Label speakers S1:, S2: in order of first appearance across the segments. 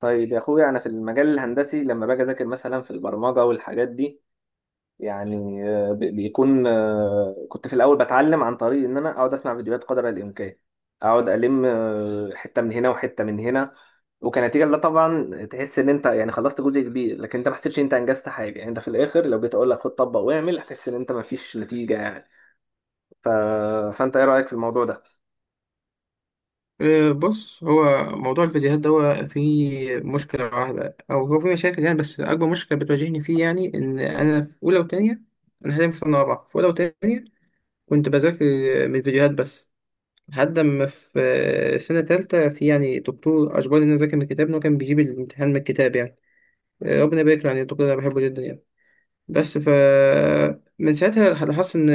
S1: طيب يا اخويا، انا في المجال الهندسي لما باجي اذاكر مثلا في البرمجه والحاجات دي. يعني آه، بي- بيكون آه، كنت في الاول بتعلم عن طريق ان انا اقعد اسمع فيديوهات قدر الامكان. اقعد الم حته من هنا وحته من هنا. وكنتيجه لا طبعا، تحس ان انت يعني خلصت جزء كبير، لكن انت ما حسيتش إن انت انجزت حاجه يعني. انت في الاخر لو جيت اقول لك خد طبق واعمل، هتحس ان انت ما فيش نتيجه يعني. ف... فانت ايه رايك في الموضوع ده؟
S2: بص، هو موضوع الفيديوهات ده هو فيه مشكلة واحدة أو هو فيه مشاكل يعني، بس أكبر مشكلة بتواجهني فيه يعني إن أنا في أولى وتانية. أنا حاليا في سنة رابعة. في أولى وتانية كنت بذاكر من الفيديوهات بس، لحد ما في سنة تالتة في يعني دكتور أجبرني إن أنا أذاكر من الكتاب، إن هو كان بيجيب الامتحان من الكتاب يعني. ربنا يبارك له، يعني الدكتور ده أنا بحبه جدا يعني. بس من ساعتها لاحظت إن،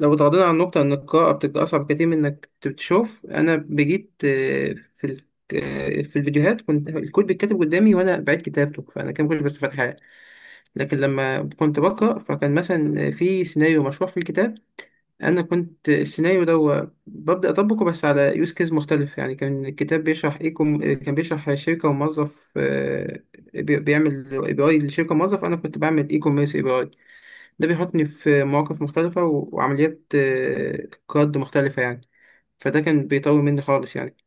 S2: لو اتغاضينا عن النقطة إن القراءة بتبقى أصعب كتير من إنك تشوف، أنا بجيت آه، في ال... آه، في الفيديوهات كنت الكود بيتكتب قدامي وأنا بعيد كتابته، فأنا كان كنت بس فاتحة. لكن لما كنت بقرأ، فكان مثلا في سيناريو مشروع في الكتاب، أنا كنت السيناريو ده هو ببدأ أطبقه بس على يوز كيس مختلف. يعني كان الكتاب بيشرح كان بيشرح شركة وموظف، بيعمل API لشركة موظف، أنا كنت بعمل e-commerce API. ده بيحطني في مواقف مختلفة و- وعمليات قياد مختلفة يعني. فده كان بيطول مني خالص يعني.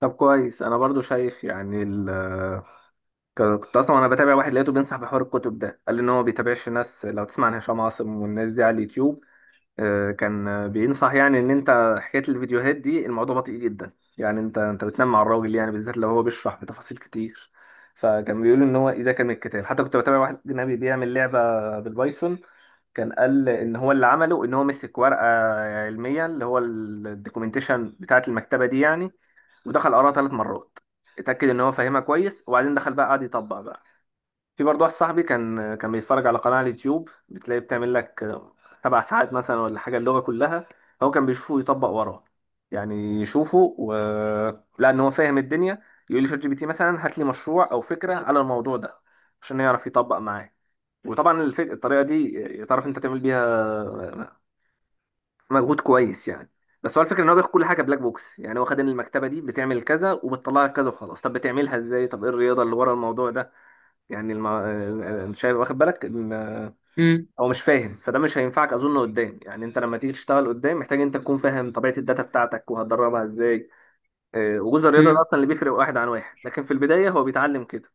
S1: طب كويس. انا برضو شايف يعني كنت اصلا وانا بتابع واحد لقيته بينصح بحوار الكتب ده، قال لي ان هو بيتابعش ناس. لو تسمع عن هشام عاصم والناس دي على اليوتيوب، كان بينصح يعني ان انت حكايه الفيديوهات دي الموضوع بطيء جدا، يعني انت بتنام مع الراجل، يعني بالذات لو هو بيشرح بتفاصيل كتير. فكان بيقول ان هو إيه ده كان من الكتاب. حتى كنت بتابع واحد اجنبي بيعمل لعبه بالبايثون، كان قال ان هو اللي عمله ان هو مسك ورقه علميه اللي هو الدوكيومنتيشن بتاعه المكتبه دي يعني، ودخل قراها 3 مرات، اتاكد ان هو فاهمها كويس وبعدين دخل بقى قعد يطبق بقى. في برضه واحد صاحبي كان بيتفرج على قناة على اليوتيوب بتلاقي بتعمل لك 7 ساعات مثلا ولا حاجة اللغة كلها، هو كان بيشوفه يطبق وراه، يعني لأن هو فاهم الدنيا، يقول لي شات جي بي تي مثلا هات لي مشروع أو فكرة على الموضوع ده عشان يعرف يطبق معاه. وطبعا الطريقة دي تعرف أنت تعمل بيها مجهود كويس يعني. بس هو الفكرة إن هو بياخد كل حاجة بلاك بوكس، يعني هو خد إن المكتبة دي بتعمل كذا وبتطلع لك كذا وخلاص. طب بتعملها إزاي؟ طب إيه الرياضة اللي ورا الموضوع ده؟ يعني مش هيبقى واخد بالك
S2: امم
S1: هو مش فاهم، فده مش هينفعك اظن قدام. يعني انت لما تيجي تشتغل قدام محتاج انت تكون فاهم طبيعه الداتا بتاعتك، وهتدربها ازاي. وجزء الرياضه ده اصلا اللي بيفرق واحد عن واحد، لكن في البدايه هو بيتعلم كده.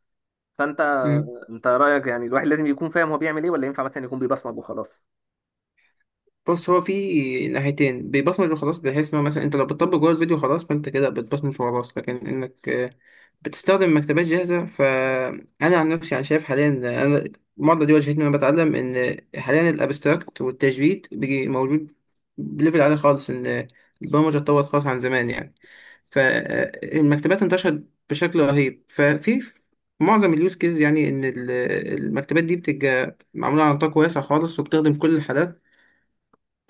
S1: فانت
S2: امم
S1: انت رايك يعني الواحد لازم يكون فاهم هو بيعمل ايه، ولا ينفع مثلا يكون بيبصمج وخلاص؟
S2: بص، هو في ناحيتين: بيبصمج وخلاص بحيث ان هو مثلا انت لو بتطبق جوه الفيديو خلاص فانت كده بتبصمج وخلاص، لكن انك بتستخدم مكتبات جاهزه. فانا عن نفسي انا شايف حاليا، انا المعضله دي واجهتني وانا بتعلم، ان حاليا الابستراكت والتجريد بيجي موجود بليفل عالي خالص، ان البرمجه اتطورت خالص عن زمان يعني. فالمكتبات انتشرت بشكل رهيب، ففي معظم اليوز كيز يعني، ان المكتبات دي بتبقى معموله على نطاق واسع خالص وبتخدم كل الحالات.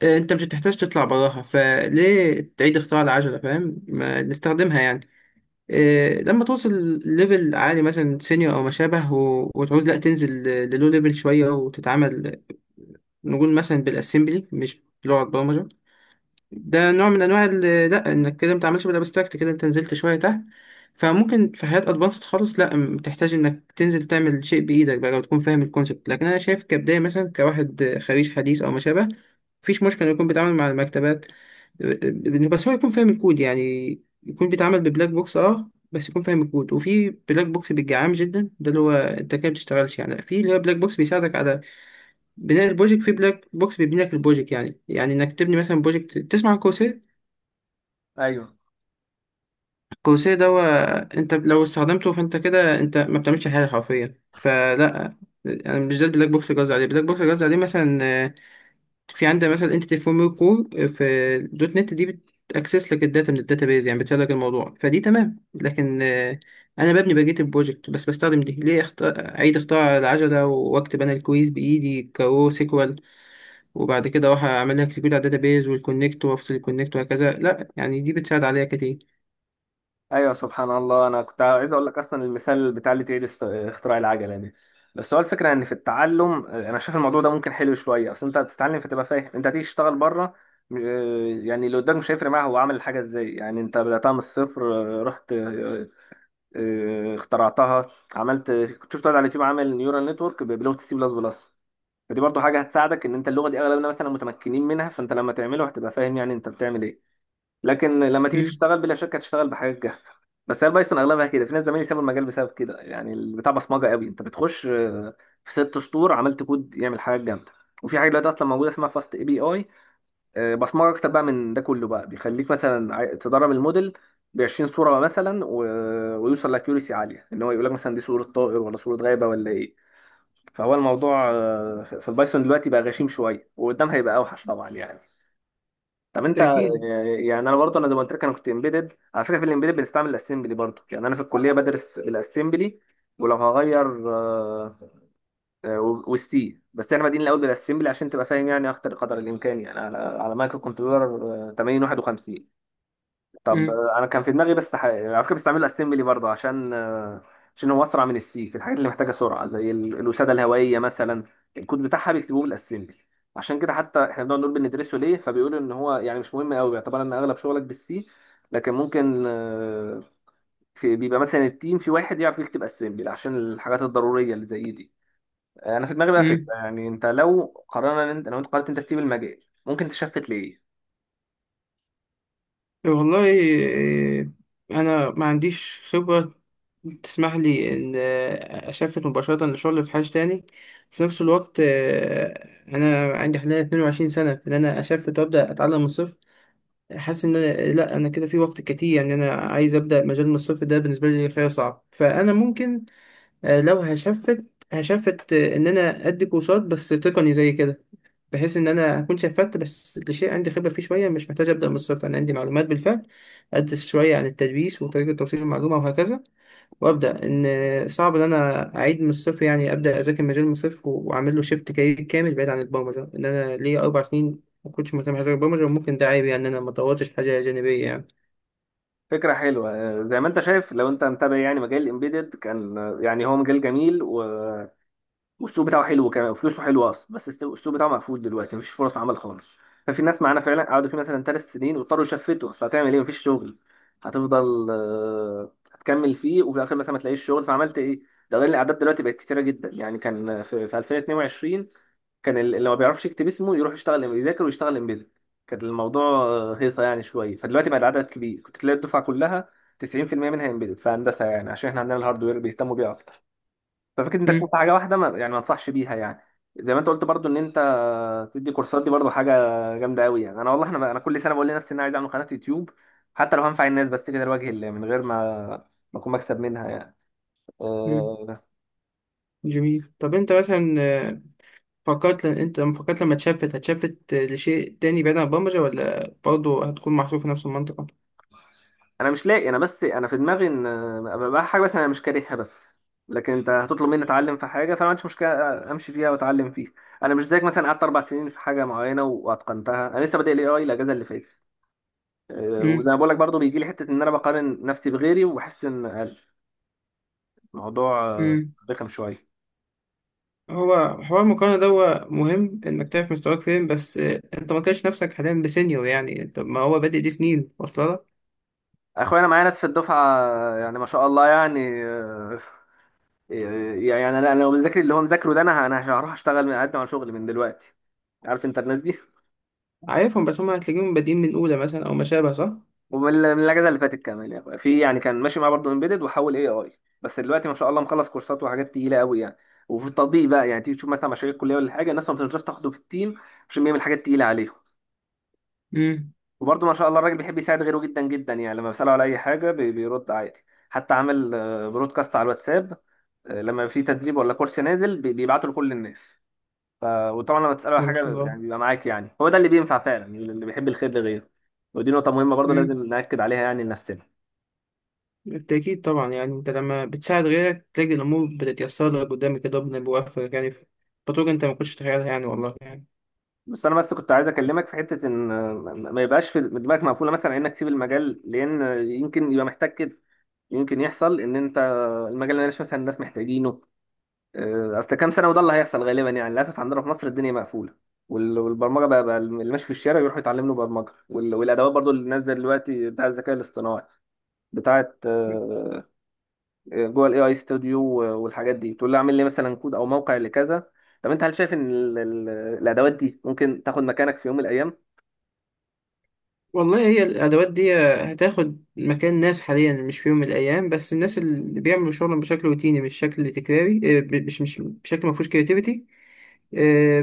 S2: انت مش هتحتاج تطلع براها، فليه تعيد اختراع العجلة؟ فاهم، ما نستخدمها يعني. لما توصل ليفل عالي مثلا سينيور او ما شابه و- وتعوز لا تنزل للو ليفل شوية وتتعامل نقول مثلا بالاسمبلي مش بلغة برمجة، ده نوع من انواع لا، انك كده ما تعملش بالابستراكت، كده انت نزلت شويه تحت. فممكن في حاجات ادفانسد خالص لا بتحتاج انك تنزل تعمل شيء بايدك بقى، لو تكون فاهم الكونسبت. لكن انا شايف كبدايه مثلا، كواحد خريج حديث او ما شابه، مفيش مشكله إنه يكون بيتعامل مع المكتبات. آه، بس هو يكون فاهم الكود. يعني يكون بيتعامل ببلاك بوكس، بس يكون فاهم الكود. وفي بلاك بوكس بيبقى عام جدا ده اللي هو انت كده ما بتشتغلش يعني. لا، في اللي هو بلاك بوكس بيساعدك على بناء البروجكت، في بلاك بوكس بيبني لك البروجكت يعني. يعني انك تبني مثلا بروجكت، تسمع عن coursera؟
S1: ايوه،
S2: الكروسيه ده هو، انت لو استخدمته فانت كده انت ما بتعملش حاجه حرفيا. فلا، انا مش ده البلاك بوكس اللي قصدي عليه. البلاك بوكس اللي قصدي عليه مثلا، في عندك مثلا انتيتي فورم كور في دوت نت دي، بتاكسس لك الداتا من الداتابيز، يعني بتسهل لك الموضوع، فدي تمام. لكن انا ببني بقيه البروجكت بس بستخدم دي، ليه اعيد اختراع العجله واكتب انا الكويز بايدي كرو سيكوال، وبعد كده اروح اعمل لها اكسكيوت على الداتابيز والكونكت وافصل الكونكت وهكذا؟ لا يعني، دي بتساعد عليا كتير.
S1: ايوه، سبحان الله. انا كنت عايز اقول لك اصلا المثال بتاع اللي تعيد اختراع العجله دي. بس هو الفكره ان في التعلم انا شايف الموضوع ده ممكن حلو شويه، اصل انت بتتعلم فتبقى فاهم انت هتيجي تشتغل بره. آه، يعني اللي قدامك مش هيفرق معاه هو عمل الحاجه ازاي، يعني انت بداتها من الصفر، آه، رحت آه، آه، اخترعتها. عملت كنت شفت واحد على اليوتيوب عامل نيورال نتورك بلغه السي بلس بلس، فدي برضه حاجه هتساعدك ان انت اللغه دي اغلبنا مثلا متمكنين منها، فانت لما تعمله هتبقى فاهم يعني انت بتعمل ايه. لكن لما تيجي
S2: امم
S1: تشتغل بلا شك هتشتغل بحاجات جاهزه. بس هي البايثون اغلبها كده، في ناس زمايلي سابوا المجال بسبب كده يعني. البتاع بصمجه قوي، انت بتخش في 6 سطور عملت كود يعمل حاجه جامده. وفي حاجه دلوقتي اصلا موجوده اسمها فاست اي بي اي، بصمجه اكتر بقى من ده كله، بقى بيخليك مثلا تدرب الموديل ب 20 صوره مثلا ويوصل لاكيوريسي عاليه ان هو يقول لك مثلا دي صوره طائر ولا صوره غابه ولا ايه. فهو الموضوع في البايثون دلوقتي بقى غشيم شويه، وقدام هيبقى اوحش طبعا يعني. طب انت
S2: اكيد.
S1: يعني انا برضه، انا زي ما قلت لك انا كنت امبيدد على فكره. في الامبيدد بنستعمل الاسمبلي برضه يعني، انا في الكليه بدرس الاسمبلي. ولو هغير آه، والسي، بس احنا بادئين الاول بالاسمبلي عشان تبقى فاهم يعني اكتر قدر الامكان، يعني على مايكرو كنترولر 8051. طب انا كان في دماغي بس يعني على فكره بستعمله اسمبلي برضه عشان عشان هو اسرع من السي في الحاجات اللي محتاجه سرعه، زي الوساده الهوائيه مثلا، الكود بتاعها بيكتبوه بالاسمبلي. عشان كده حتى احنا بنقعد نقول بندرسه ليه، فبيقولوا ان هو يعني مش مهم قوي، يعتبر ان اغلب شغلك بالسي، لكن ممكن في بيبقى مثلا التيم في واحد يعرف يكتب اسمبلي عشان الحاجات الضروريه اللي زي دي. انا في دماغي بقى
S2: مم.
S1: فكره، يعني انت لو قررنا إن انت لو انت قررت انت تسيب المجال ممكن تشفت ليه؟
S2: والله إيه، انا ما عنديش خبره تسمح لي ان اسافر مباشره لشغل في حاجه تاني. في نفس الوقت انا عندي حاليا 22 سنه، ان انا اسافر وابدا اتعلم من الصفر حاسس ان أنا لا انا كده في وقت كتير يعني. انا عايز ابدا مجال من الصفر، ده بالنسبه لي خيار صعب. فانا ممكن لو هشفت ان انا ادي كورسات بس تقني زي كده، بحيث ان انا اكون شفت بس لشيء عندي خبره فيه شويه، مش محتاج ابدا من الصفر، انا عندي معلومات بالفعل. ادرس شويه عن التدريس وطريقه توصيل المعلومه وهكذا وابدا. ان صعب ان انا اعيد من الصفر يعني، ابدا اذاكر مجال من الصفر و- واعمل له شيفت كارير كامل بعيد عن البرمجه. ان انا ليا 4 سنين ما كنتش مهتم بحاجه غير البرمجه، وممكن ده عيب يعني، ان انا ما طورتش حاجه جانبيه يعني.
S1: فكرة حلوة. زي ما انت شايف لو انت متابع، يعني مجال الامبيدد كان يعني هو مجال جميل، و والسوق بتاعه حلو كمان وفلوسه حلوه اصلا، بس السوق بتاعه مقفول دلوقتي مفيش فرص عمل خالص. ففي ناس معانا فعلا قعدوا فيه مثلا 3 سنين واضطروا يشفتوا، اصل هتعمل ايه مفيش شغل؟ هتفضل هتكمل فيه وفي الاخر مثلا ما تلاقيش شغل، فعملت ايه؟ ده غير الاعداد دلوقتي بقت كتيره جدا يعني. كان في في 2022 كان اللي ما بيعرفش يكتب اسمه يروح يشتغل يذاكر ويشتغل امبيدد، كان الموضوع هيصه يعني شويه. فدلوقتي بقى العدد كبير، كنت تلاقي الدفعه كلها 90% منها امبيدد في هندسه يعني، عشان احنا عندنا الهاردوير بيهتموا بيه اكتر. ففكره انت تكون
S2: مم.
S1: في حاجه واحده، ما يعني ما انصحش بيها يعني. زي ما انت قلت برضو ان انت تدي كورسات، دي برضو حاجه جامده قوي يعني. انا والله، انا كل سنه بقول لنفسي ان انا عايز اعمل قناه يوتيوب، حتى لو هنفع الناس بس كده لوجه الله، من غير ما اكون مكسب منها يعني.
S2: مم.
S1: أه،
S2: جميل. طب انت مثلا فكرت، لأن انت لما فكرت لما اتشفت هتشفت لشيء تاني بعيد عن البرمجة ولا برضه هتكون محصور في نفس المنطقة؟
S1: انا مش لاقي، انا بس انا في دماغي ان أبقى بقى حاجه، بس انا مش كارهها، بس لكن انت هتطلب مني اتعلم في حاجه فانا ما عنديش مشكله امشي فيها واتعلم فيها. انا مش زيك مثلا قعدت 4 سنين في حاجه معينه واتقنتها، انا لسه بادئ الاي اي الاجازه اللي فاتت. وزي
S2: امم
S1: ما بقول لك برضه، بيجي لي حته ان انا بقارن نفسي بغيري وبحس ان اقل. الموضوع
S2: امم
S1: رخم شويه.
S2: هو حوار المقارنة ده هو مهم انك تعرف مستواك فين، بس انت ما تلاقيش نفسك حاليا بسينيور يعني، انت ما هو بادئ، دي سنين واصله لك.
S1: اخويا، انا معايا ناس في الدفعه يعني ما شاء الله، يعني يعني انا لو بذاكر اللي هو مذاكره ده، انا هروح اشتغل، من اقدم على شغل من دلوقتي. عارف انت الناس دي.
S2: عارفهم، بس هم هتلاقيهم بادئين من اولى مثلا او ما شابه، صح؟
S1: ومن الاجازه اللي فاتت كمان يا اخويا، في يعني كان ماشي معاه برضه امبيدد وحول اي اي، بس دلوقتي ما شاء الله مخلص كورسات وحاجات تقيله قوي يعني. وفي التطبيق بقى يعني، تيجي تشوف مثلا مشاريع الكليه ولا حاجه، الناس ما بتنجمش تاخده في التيم عشان بيعمل حاجات تقيله عليهم.
S2: امم
S1: وبرضه ما شاء الله الراجل بيحب يساعد غيره جدا جدا يعني، لما بسأله على أي حاجة بيرد عادي. حتى عامل برودكاست على الواتساب، لما في تدريب ولا كورس نازل بيبعته لكل الناس. وطبعا لما تسأله على
S2: ما شاء
S1: حاجة
S2: الله.
S1: يعني بيبقى معاك، يعني هو ده اللي بينفع فعلا يعني، اللي بيحب الخير لغيره. ودي نقطة مهمة برضه
S2: امم
S1: لازم نأكد عليها يعني لنفسنا.
S2: بالتأكيد طبعا يعني. انت لما بتساعد غيرك تلاقي الامور بتتيسر لك قدامك كده، ربنا بيوفقك يعني في بطرق انت ما كنتش تتخيلها يعني، والله يعني.
S1: بس أنا، بس كنت عايز أكلمك في حتة إن ما يبقاش في دماغك مقفولة مثلا إنك تسيب المجال، لأن يمكن يبقى محتاج كده، يمكن يحصل إن أنت المجال اللي مثلا الناس محتاجينه اصل كام سنه، وده اللي هيحصل غالبا يعني. للاسف عندنا في مصر الدنيا مقفوله، والبرمجه بقى، بقى اللي ماشي في الشارع يروح يتعلم له برمجه. والادوات برضو اللي نازله دلوقتي بتاع الذكاء الاصطناعي بتاعه جوه الاي اي ستوديو والحاجات دي، تقول له اعمل لي مثلا كود او موقع لكذا. طب انت هل شايف ان الادوات دي ممكن تاخد مكانك في يوم من الايام؟
S2: والله، هي الأدوات دي هتاخد مكان ناس حاليا، مش في يوم من الأيام، بس الناس اللي بيعملوا شغلهم بشكل روتيني، مش شكل تكراري، مش بشكل ما فيهوش كرياتيفيتي.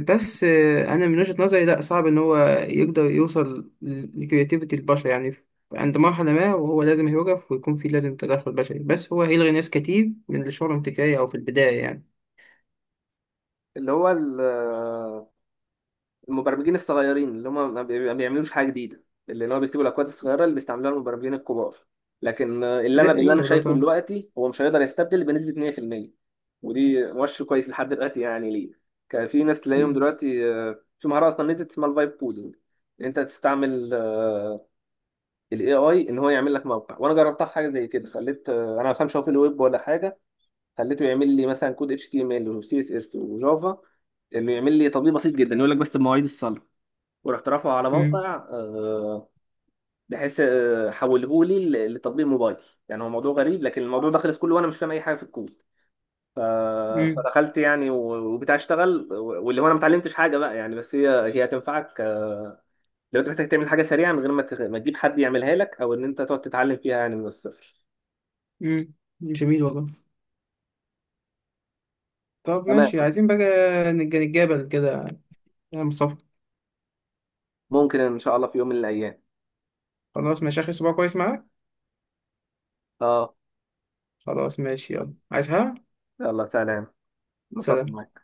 S2: بس أنا من وجهة نظري لأ، صعب إن هو يقدر يوصل لكرياتيفيتي البشر يعني. عند مرحلة ما وهو لازم يوقف ويكون فيه لازم تدخل بشري، بس هو هيلغي ناس كتير من اللي شغلهم تكراري أو في البداية يعني.
S1: اللي هو المبرمجين الصغيرين، اللي هم ما بيعملوش حاجه جديده، اللي هو بيكتبوا الاكواد الصغيره اللي بيستعملوها المبرمجين الكبار. لكن اللي
S2: زي
S1: انا،
S2: إيه
S1: انا
S2: بالظبط
S1: شايفه
S2: آه.
S1: دلوقتي هو مش هيقدر يستبدل بنسبه 100%. ودي مؤشر كويس لحد دلوقتي يعني. ليه؟ كان في ناس تلاقيهم
S2: مم،
S1: دلوقتي في مهاره اصلا نزلت اسمها الفايب كودنج. انت تستعمل الاي اي ان هو يعمل لك موقع، وانا جربتها في حاجه زي كده، خليت انا ما بفهمش هو في الويب ولا حاجه، خليته يعمل لي مثلا كود اتش تي ام ال وسي اس اس وجافا، انه يعمل لي تطبيق بسيط جدا يقول لك بس بمواعيد الصلاه، ورحت رافعه على
S2: مم،
S1: موقع بحيث حوله لي لتطبيق موبايل. يعني هو موضوع غريب، لكن الموضوع ده خلص كله وانا مش فاهم اي حاجه في الكود. ف-
S2: مم،
S1: فدخلت يعني، وبتاع اشتغل، واللي هو انا ما اتعلمتش حاجه بقى يعني، بس هي هتنفعك لو انت محتاج تعمل حاجه سريعه من غير ما ما تجيب حد يعملها لك، او ان انت تقعد تتعلم فيها يعني من الصفر.
S2: مم. جميل والله. طب
S1: تمام.
S2: ماشي، عايزين بقى نتجابل كده يا مصطفى.
S1: ممكن ان شاء الله في يوم من الايام.
S2: خلاص ماشي، آخر أسبوع كويس معاك.
S1: اه.
S2: خلاص ماشي، يلا عايز حاجة؟
S1: يلا سلام. انبسطت
S2: سلام.
S1: معاك.